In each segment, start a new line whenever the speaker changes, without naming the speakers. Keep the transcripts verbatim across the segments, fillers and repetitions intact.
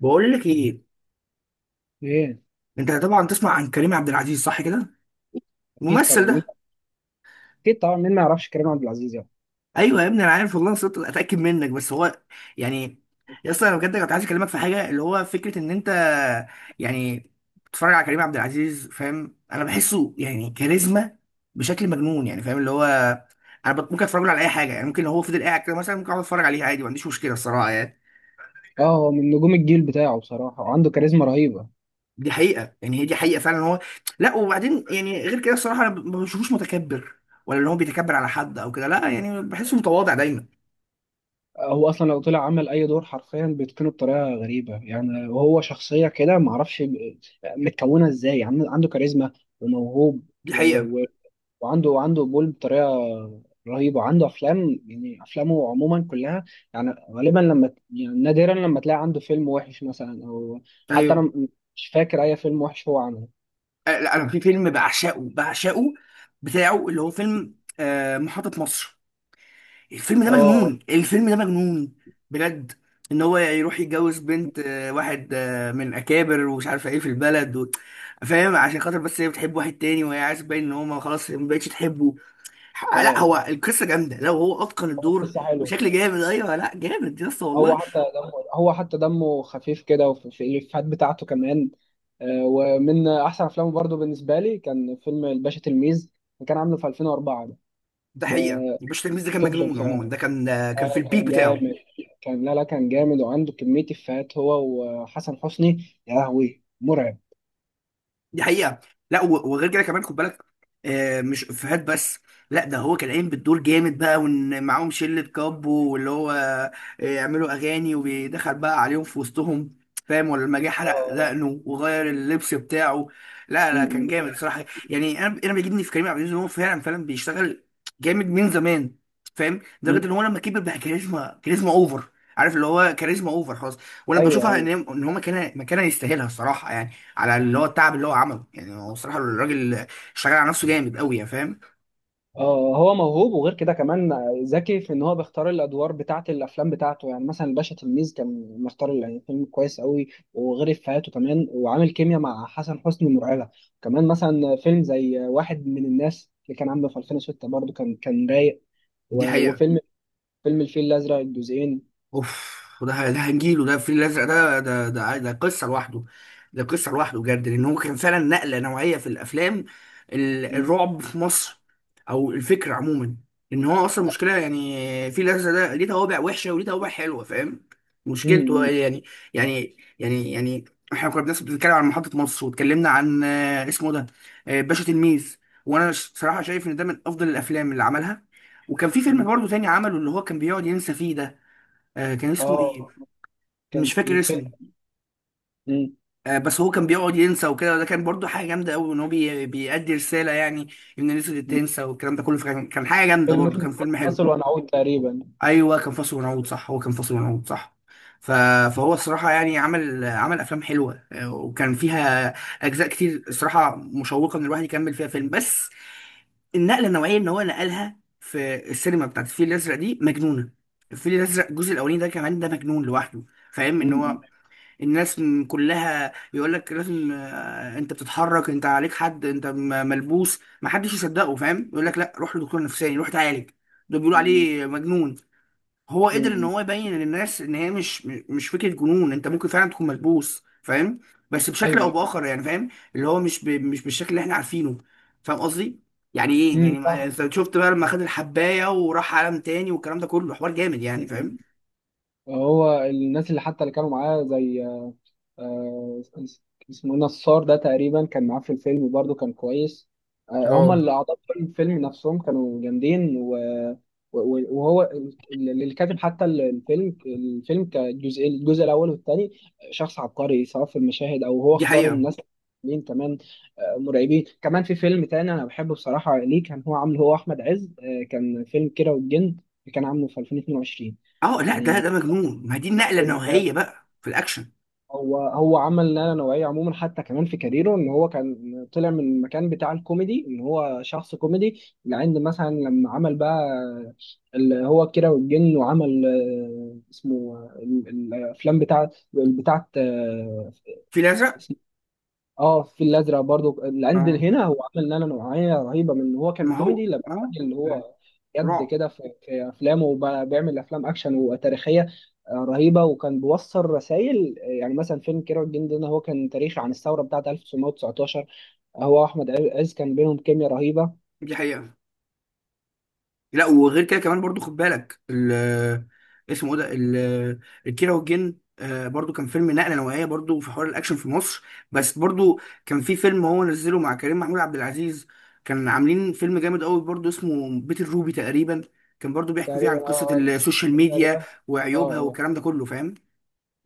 بقول لك ايه.
ايه.
انت طبعا تسمع عن كريم عبد العزيز، صح كده؟
اكيد
الممثل
طبعا مين
ده.
اكيد طبعا مين ما يعرفش كريم عبد العزيز يعني.
ايوه يا ابني انا عارف والله، انا صرت اتاكد منك. بس هو يعني يا اسطى انا بجد كنت عايز اكلمك في حاجه، اللي هو فكره ان انت يعني بتتفرج على كريم عبد العزيز، فاهم؟ انا بحسه يعني كاريزما بشكل مجنون، يعني فاهم اللي هو انا بت- ممكن اتفرج له على اي حاجه. يعني ممكن لو هو فضل قاعد كده مثلا، ممكن اقعد اتفرج عليه عادي، ما عنديش مشكله الصراحه يعني.
اه، هو من نجوم الجيل بتاعه بصراحه، وعنده كاريزما رهيبه.
دي حقيقة يعني، هي دي حقيقة فعلا. هو لا وبعدين يعني، غير كده الصراحة، أنا ما بشوفوش متكبر ولا اللي هو بيتكبر على حد أو كده، لا، يعني بحسه متواضع دايما.
آه، هو اصلا لو طلع عمل اي دور حرفيا بيتقنه بطريقه غريبه يعني، وهو شخصيه كده ما اعرفش ب- متكونه ازاي. عن- عنده كاريزما وموهوب
دي
و...
حقيقة.
و... وعنده وعنده قبول بطريقه رهيبه. عنده افلام، يعني افلامه عموما كلها يعني غالبا لما ت- يعني نادرا لما تلاقي عنده فيلم وحش مثلا، او حتى انا
أيوه.
م- مش فاكر اي فيلم وحش هو عمله.
أه، لا أنا في فيلم بعشقه بعشقه بتاعه، اللي هو فيلم آه، محطة مصر. الفيلم ده
اه
مجنون، الفيلم ده مجنون بجد. إن هو يروح يتجوز بنت آه، واحد آه، من أكابر ومش عارفة إيه في البلد و... فاهم، عشان خاطر بس هي بتحب واحد تاني، وهي عايز تبين إن هو ما خلاص ما بقتش تحبه. لا
اه،
هو القصه جامده لو هو اتقن الدور
قصة حلوة.
بشكل جامد. ايوه لا جامد يا اسطى والله.
هو حتى دمه هو حتى دمه خفيف كده، وفي في الإفيهات بتاعته كمان. آه، ومن أحسن أفلامه برضه بالنسبة لي، كان فيلم الباشا تلميذ، اللي كان عامله في ألفين وأربعة ده.
ده حقيقه،
ده
الباشا تلميذ ده كان
توب
مجنون عموما،
بصراحة.
ده كان كان في
آه،
البيك
كان
بتاعه.
جامد. كان لا لا، كان جامد، وعنده كمية إفيهات، هو وحسن حسني. يا لهوي مرعب.
دي حقيقة. لا و- وغير كده كمان، خد بالك آه، مش افيهات بس. لا ده هو كان قايم بالدور جامد بقى، وان معاهم شلة كابو، واللي هو آه، يعملوا اغاني وبيدخل بقى عليهم في وسطهم، فاهم؟ ولا لما جه حلق
آه.
دقنه وغير اللبس بتاعه. لا
م-
لا كان
م-
جامد صراحة. يعني انا انا بيجيبني في كريم عبد العزيز ان هو فعلا فعلا بيشتغل جامد من زمان، فاهم؟
م.
لدرجة ان هو لما كبر بقى كاريزما كاريزما اوفر. عارف اللي هو كاريزما اوفر خلاص. وانا
أيوه
بشوفها ان
أيوه.
هي- ان هو مكانها مكانها يستاهلها الصراحة يعني، على اللي هو التعب اللي هو عمله. يعني هو صراحة الراجل اشتغل على نفسه جامد قوي، يعني فاهم.
اه، هو موهوب، وغير كده كمان ذكي في ان هو بيختار الادوار بتاعه، الافلام بتاعته. يعني مثلا الباشا تلميذ كان مختار يعني فيلم كويس قوي، وغير افيهاته كمان، وعامل كيمياء مع حسن حسني مرعبه. كمان مثلا فيلم زي واحد من الناس اللي كان عامله في ألفين وستة برضه، كان كان رايق.
دي
و-
حقيقة.
وفيلم فيلم الفيل الازرق الجزئين.
اوف، وده ده هنجيله. ده الفيل الازرق ده ده ده ده قصه لوحده. ده قصه لوحده بجد، لان هو كان فعلا نقله نوعيه في الافلام ال-
مم.
الرعب في مصر، او الفكره عموما. ان هو اصلا مشكله يعني، الفيل الازرق ده ليه توابع وحشه وليه توابع حلوه، فاهم مشكلته
مم.
يعني. يعني يعني يعني، احنا كنا الناس بتتكلم عن محطه مصر، واتكلمنا عن آه، اسمه ده آه، باشا تلميذ. وانا صراحه شايف ان ده من افضل الافلام اللي عملها. وكان في فيلم
مم.
برضه تاني عمله، اللي هو كان بيقعد ينسى فيه ده، آه كان اسمه ايه؟
اه، كان
مش فاكر
الفيلم
اسمه. آه بس هو كان بيقعد ينسى وكده، وده كان برضو حاجه جامده قوي، ان هو بي... بيأدي رساله يعني، ان الناس اللي تنسى والكلام ده كله. فكان كان حاجه جامده
فيلم
برضو،
اسمه
كان فيلم حلو.
فاصل ونعود تقريبا.
ايوه كان فاصل ونعود، صح هو كان فاصل ونعود صح. ف... فهو الصراحه يعني عمل عمل افلام حلوه، آه، وكان فيها اجزاء كتير الصراحه مشوقه، ان الواحد يكمل فيها فيلم. بس النقله النوعيه ان هو نقلها في السينما بتاعت الفيل الازرق دي مجنونه. الفيل الازرق الجزء الاولاني ده كمان ده مجنون لوحده. فاهم ان
مم.
هو الناس م- كلها بيقول لك لازم، آه، انت بتتحرك انت عليك حد، انت م- ملبوس، ما حدش يصدقه فاهم، يقول لك لا روح لدكتور نفساني روح اتعالج. دول بيقولوا
مم.
عليه مجنون. هو قدر ان
مم.
هو يبين للناس ان هي مش م- مش فكره جنون، انت ممكن فعلا تكون ملبوس فاهم، بس بشكل او
ايوه.
باخر يعني فاهم. اللي هو مش ب... مش بالشكل اللي احنا عارفينه، فاهم قصدي. يعني ايه
مم.
يعني ما-
صح.
انت شفت بقى لما خد الحبايه وراح عالم تاني والكلام ده كله، حوار جامد يعني فاهم.
هو الناس اللي حتى اللي كانوا معاه، زي آه، اسمه إيه، نصار ده تقريبا كان معاه في الفيلم برضه، كان كويس. آه، هما
اه.
اللي أعضاء في الفيلم نفسهم كانوا جامدين، و... و- وهو اللي كاتب حتى الفيلم. الفيلم كجزء، الجزء الأول والثاني، شخص عبقري سواء في المشاهد أو هو
دي
اختار
حقيقه.
الناس. مين كمان؟ آه، مرعبين كمان. في فيلم تاني أنا بحبه بصراحة، ليه كان هو عامله هو أحمد عز، آه، كان فيلم كيرة والجن، اللي كان عامله في ألفين واتنين وعشرين.
اه لا ده ده مجنون، ما دي النقله النوعيه بقى في الاكشن.
هو هو عمل نقله نوعيه عموما، حتى كمان في كاريره، ان هو كان طلع من المكان بتاع الكوميدي، ان هو شخص كوميدي، لعند مثلا لما عمل بقى اللي هو كيرة والجن، وعمل آه، اسمه آه، ال- الافلام بتاعت بتاعت آه،
في الازرق.
اه، في الازرق برضو العند
اه.
هنا. مم. هو عمل نقله نوعيه رهيبه من ان هو كان
ما هو
كوميدي، لما
اه.
الراجل اللي هو جد
رعب.
كده في في افلامه، وبيعمل افلام اكشن وتاريخيه آه، رهيبه، وكان بيوصل رسائل. آه، يعني مثلا فيلم كيرة والجن ده، هو كان تاريخ عن الثوره بتاعه ألف وتسعمائة وتسعة عشر. هو واحمد عز كان بينهم كيمياء رهيبه.
دي حقيقه. لا وغير كده كمان برضو، خد بالك ال اسمه ايه ده ال- الكيرة والجن، آه، برضو كان فيلم نقله نوعيه برضو في حوار الاكشن في مصر. بس برضو، كان في فيلم هو نزله مع كريم محمود عبد العزيز، كان عاملين فيلم جامد قوي برضو، اسمه بيت الروبي تقريبا. كان برضو بيحكوا فيه
تقريبا،
عن قصه
اه اه.
السوشيال
تقريبا
ميديا
اه
وعيوبها
اه.
والكلام ده كله، فاهم؟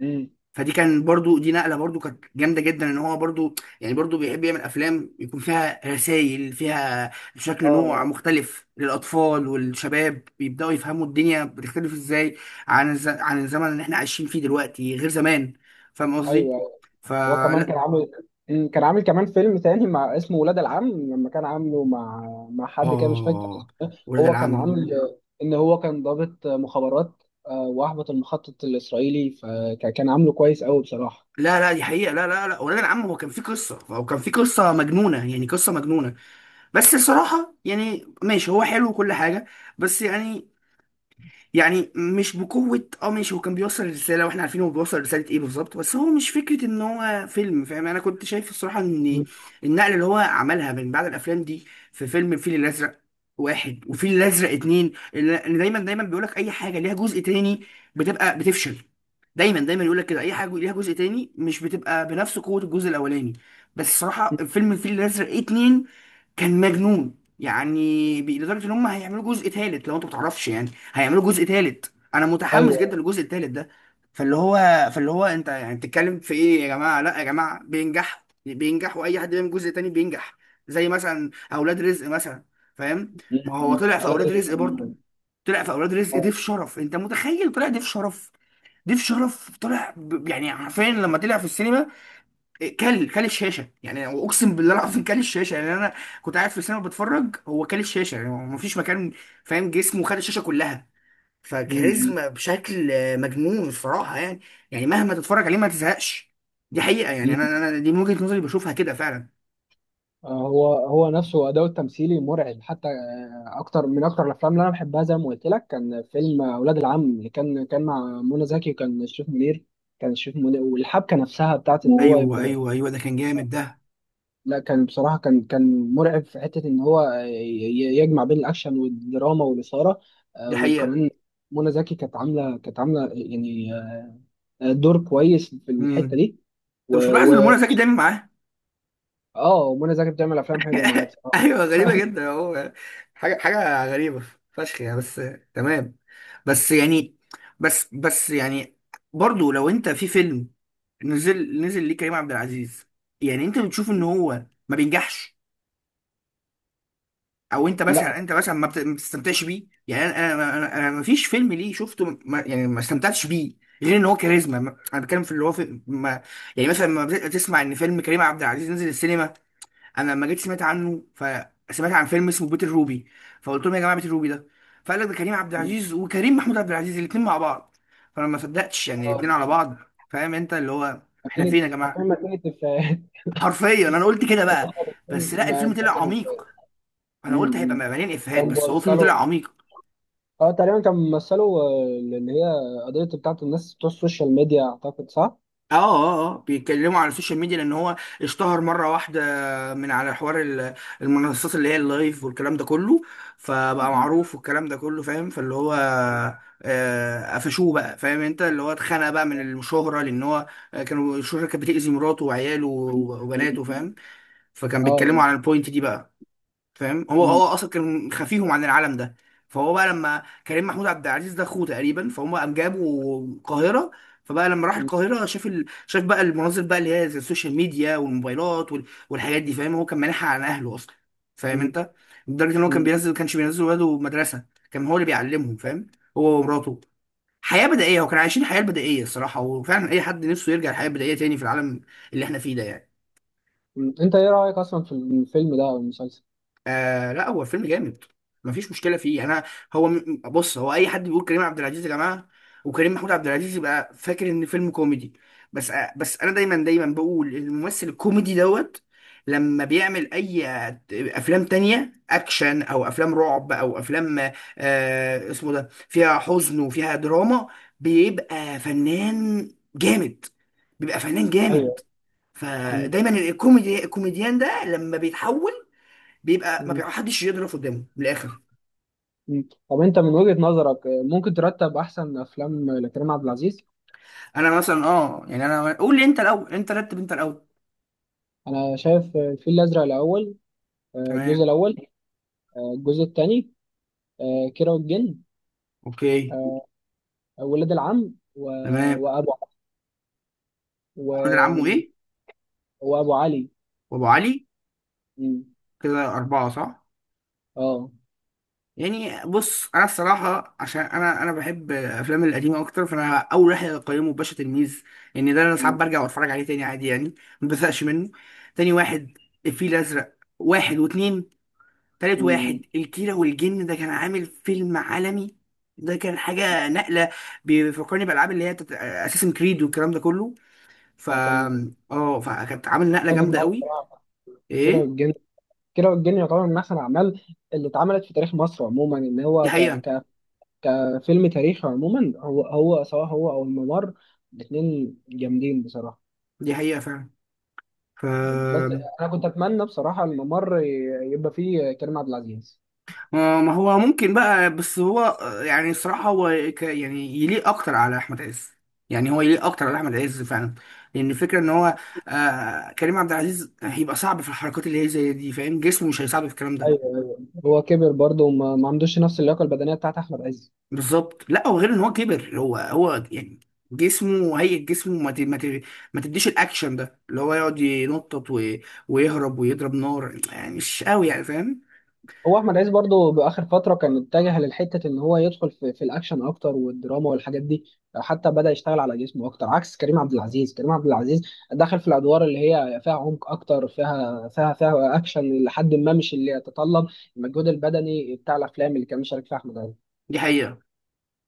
أمم.
فدي كان برضو، دي نقله برضو كانت جامده جدا، ان هو برضو يعني برضو بيحب يعمل افلام يكون فيها رسائل، فيها
اه.
شكل نوع
آه.
مختلف للاطفال والشباب، بيبداوا يفهموا الدنيا بتختلف ازاي عن الز... عن الزمن اللي احنا عايشين فيه دلوقتي غير زمان، فاهم
ايوه.
قصدي.
أيوة. هو كمان
فلا.
كان عامل، أمم، كان عامل كمان فيلم تاني مع اسمه ولاد العم، لما كان عامله مع مع حد كده مش فاكر.
اه ولاد
هو كان
العم.
عامل ان هو كان ضابط مخابرات، آه، واحبط المخطط الاسرائيلي، فكان عامله كويس قوي بصراحه.
لا لا دي حقيقة، لا لا لا ولاد العم هو كان في قصة، هو كان في قصة مجنونة يعني قصة مجنونة، بس الصراحة يعني ماشي هو حلو وكل حاجة. بس يعني، يعني مش بقوة. اه ماشي هو كان بيوصل رسالة واحنا عارفين هو بيوصل رسالة ايه بالظبط، بس هو مش فكرة ان هو فيلم، فاهم؟ انا كنت شايف الصراحة ان
مم.
النقلة اللي هو عملها من بعد الافلام دي، في فيلم الفيل الازرق واحد وفيل الازرق اتنين. اللي دايما دايما بيقولك اي حاجة ليها جزء تاني بتبقى بتفشل، دايما دايما يقولك كده اي حاجة ليها جزء تاني مش بتبقى بنفس قوة الجزء الاولاني. بس الصراحة فيلم الفيل الازرق اتنين كان مجنون. يعني بي- لدرجة ان هم هيعملوا جزء تالت، لو انت متعرفش يعني هيعملوا جزء تالت، انا متحمس
ايوه.
جدا للجزء التالت ده. فاللي هو فاللي هو انت يعني بتتكلم في ايه يا جماعه؟ لا يا جماعه بينجح بينجح، واي حد بيعمل جزء تاني بينجح، زي مثلا اولاد رزق مثلا، فاهم؟ ما هو
مم.
طلع في
اولاد
اولاد
رزق.
رزق برضه، طلع في اولاد رزق
آه.
ضيف شرف، انت متخيل طلع ضيف شرف؟ ضيف شرف طلع ب... يعني حرفيا لما طلع في السينما إيه، كل كل الشاشه، يعني اقسم بالله العظيم كل الشاشه يعني. انا كنت قاعد في السينما بتفرج، هو كل الشاشه يعني ما فيش مكان، فاهم؟ جسمه خد الشاشه كلها.
مم.
فكاريزما بشكل مجنون الصراحه يعني. يعني مهما تتفرج عليه ما تزهقش. دي حقيقه يعني، انا
مم.
انا دي من وجهه نظري بشوفها كده فعلا.
آه، هو هو نفسه اداؤه التمثيلي مرعب، حتى آه، اكتر من اكتر الافلام اللي انا بحبها، زي ما قلت لك، كان فيلم اولاد العم، اللي كان كان مع منى زكي، وكان شريف منير. كان شريف منير، والحبكه نفسها بتاعت ان هو،
ايوه ايوه ايوه ده كان جامد ده.
لا كان بصراحة، كان كان مرعب في حتة إن هو ي- ي- يجمع بين الأكشن والدراما والإثارة، آه،
دي حقيقه.
وكمان منى زكي كانت عاملة كانت عاملة يعني آه، دور كويس في
امم.
الحتة دي.
انت
و
مش ملاحظ ان
و
منى زكي دايما معاه؟
آه، منى زكي بتعمل أفلام حلوة معايا بصراحة.
ايوه غريبه جدا اهو. حاجه حاجه غريبه فشخ يعني. بس تمام. بس يعني، بس بس يعني برضو لو انت في فيلم نزل، نزل ليه كريم عبد العزيز، يعني انت بتشوف ان هو ما بينجحش؟ او انت
لا،
مثلا انت مثلا ما بت- ما بتستمتعش بيه يعني. انا انا انا, أنا ما فيش فيلم ليه شفته ما يعني ما استمتعتش بيه، غير ان هو كاريزما ما- انا بتكلم في اللي هو في، ما يعني مثلا لما بت- تسمع ان فيلم كريم عبد العزيز نزل السينما. انا لما جيت سمعت عنه، فسمعت عن فيلم اسمه بيت الروبي، فقلت لهم يا جماعه بيت الروبي ده، فقال لك ده كريم عبد العزيز وكريم محمود عبد العزيز الاثنين مع بعض، فانا ما صدقتش يعني
آه،
الاثنين على بعض، فاهم انت اللي هو؟ احنا
ماكينة،
فين يا
حرفيا
جماعه؟
ماكينة إفيهات.
حرفيا انا قلت كده بقى. بس لا
ما
الفيلم
ما
طلع
كانت.
عميق، انا قلت هيبقى
أمم.
مليان افيهات،
كان
بس هو فيلم
بيوصلوا،
طلع عميق.
اه تقريبا كان بيمثلوا آه، اللي هي قضية بتاعت الناس بتوع السوشيال ميديا، أعتقد صح؟
اه اه اه بيتكلموا على السوشيال ميديا، لان هو اشتهر مره واحده من على حوار ال- المنصات اللي هي اللايف والكلام ده كله. فبقى
م-
معروف والكلام ده كله فاهم، فاللي هو آه، قفشوه بقى فاهم انت اللي هو، اتخنق بقى من الشهره، لان هو آه، كانوا الشهره كانت بتأذي مراته وعياله وبناته،
م.
فاهم؟ فكان
اه.
بيتكلموا
آه.
على البوينت دي بقى، فاهم؟ هو
مم،
هو اصلا كان خفيهم عن العالم ده. فهو بقى لما كريم محمود عبد العزيز ده اخوه تقريبا، فهم قام جابوا القاهره. فبقى لما راح
مم،
القاهره شاف ال... شاف بقى المناظر بقى اللي هي زي السوشيال ميديا والموبايلات وال... والحاجات دي، فاهم؟ هو كان مانعها عن اهله اصلا فاهم
مم،
انت، لدرجه ان هو كان
مم،
بينزل كانش بينزل ولاده مدرسه، كان هو اللي بيعلمهم، فاهم؟ هو ومراته، حياه بدائيه، وكانوا عايشين الحياه البدائيه الصراحه. وفعلا اي حد نفسه يرجع الحياه البدائيه تاني في العالم اللي احنا فيه ده يعني.
مم. انت ايه رأيك اصلا في الفيلم ده او المسلسل؟
آه لا هو الفيلم جامد مفيش مشكله فيه يعني. انا هو م- بص هو اي حد بيقول كريم عبد العزيز يا جماعه وكريم محمود عبد العزيز يبقى فاكر ان فيلم كوميدي. بس آه، بس انا دايما دايما بقول الممثل الكوميدي دوت، لما بيعمل اي افلام تانية اكشن او افلام رعب او افلام آه اسمه ده فيها حزن وفيها دراما، بيبقى فنان جامد، بيبقى فنان
ايوه.
جامد.
مم،
فدايما الكوميدي الكوميديان ده لما بيتحول بيبقى ما
مم،
بيحدش يضرب قدامه من الاخر.
مم. طب انت من وجهة نظرك، آه، ممكن ترتب احسن افلام لكريم عبد العزيز؟
انا مثلا اه يعني، انا قول لي انت الاول، انت رتب انت الاول.
انا شايف آه، الفيل الازرق الاول، آه،
تمام.
الجزء الاول، آه، الجزء الثاني، كيرة والجن،
اوكي.
آه، ولاد العم، و...
تمام.
وابو، و...
الراجل عمه ايه،
وابو علي.
وابو علي.
مم.
كده اربعه صح؟
اه.
يعني بص انا الصراحه عشان انا انا بحب الافلام القديمه اكتر، فانا اول واحد اقيمه باشا تلميذ. ان يعني ده انا ساعات
مم.
برجع واتفرج عليه تاني عادي يعني، ما بزهقش منه. تاني واحد الفيل الازرق واحد واتنين. تالت
مم.
واحد الكيرة والجن، ده كان عامل فيلم عالمي، ده كان حاجة نقلة، بيفكرني بألعاب اللي هي بتاعت أساسن كريد والكلام ده كله. ف
هو كان.
اه، فكانت عامل نقلة
اتفق
جامدة
معاك
قوي.
بصراحة. كيرة
ايه،
والجن. كيرة والجن يعتبر من أحسن الأعمال اللي اتعملت في تاريخ مصر عموما، إن
دي
هو ك...
حقيقة.
ك... كفيلم تاريخي عموما. هو هو سواء هو أو الممر، الاتنين جامدين بصراحة.
دي حقيقة فعلا. ف
بس أنا كنت أتمنى بصراحة الممر ي- يبقى فيه كريم عبد العزيز.
ما ما هو ممكن بقى، بس هو آه، يعني الصراحة هو ك... يعني يليق أكتر على أحمد عز. يعني هو يليق أكتر على أحمد عز فعلا، لأن الفكرة إن هو آه كريم عبد العزيز هيبقى صعب في الحركات اللي هي زي دي، فاهم جسمه مش هيساعده في الكلام ده.
أيوه. هو كبر برضه، وما ما عندوش نفس اللياقة البدنية بتاعت أحمد عز.
بالظبط. لا وغير ان هو كبر، هو هو يعني جسمه هيئة جسمه ما ت- ما ت- ما تديش الاكشن ده، اللي هو يقعد ينطط و- ويهرب ويضرب نار، يعني مش قوي يعني فاهم.
هو احمد عز برضه باخر فتره كان اتجه للحته ان هو يدخل في, في الاكشن اكتر، والدراما والحاجات دي. حتى بدا يشتغل على جسمه اكتر، عكس كريم عبد العزيز. كريم عبد العزيز دخل في الادوار اللي هي فيها عمق اكتر، فيها فيها فيها اكشن، لحد ما مش اللي يتطلب المجهود البدني بتاع الافلام اللي كان مشارك فيها احمد عز.
دي حقيقة.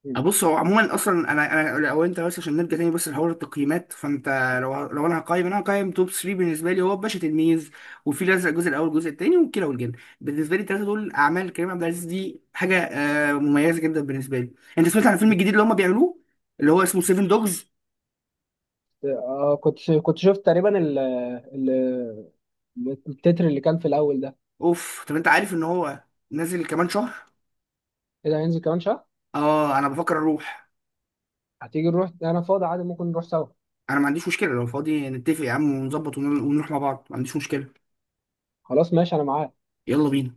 م.
آه، بص هو عموما اصلا، انا انا لو انت بس عشان نرجع تاني بس لحوار التقييمات، فانت لو لو انا هقيم، انا هقيم توب ثلاثة بالنسبه لي هو باشا تلميذ، وفي الازرق الجزء الاول والجزء الثاني، وكيرة والجن. بالنسبه لي الثلاثه دول اعمال كريم عبد العزيز دي حاجه آه، مميزه جدا بالنسبه لي. انت سمعت عن الفيلم
م.
الجديد اللي هم بيعملوه، اللي هو اسمه سيفن دوجز؟
آه، كنت كنت شفت تقريبا ال ال- التتر اللي كان في الاول ده.
اوف، طب انت عارف ان هو نازل كمان شهر.
ايه ده، هينزل كمان شهر؟
اه انا بفكر اروح.
هتيجي نروح؟ انا فاضي عادي، ممكن نروح سوا.
انا ما عنديش مشكله لو فاضي، نتفق يا عم ونظبط ون- ونروح مع بعض، ما عنديش مشكله.
خلاص ماشي، انا معاك.
يلا بينا.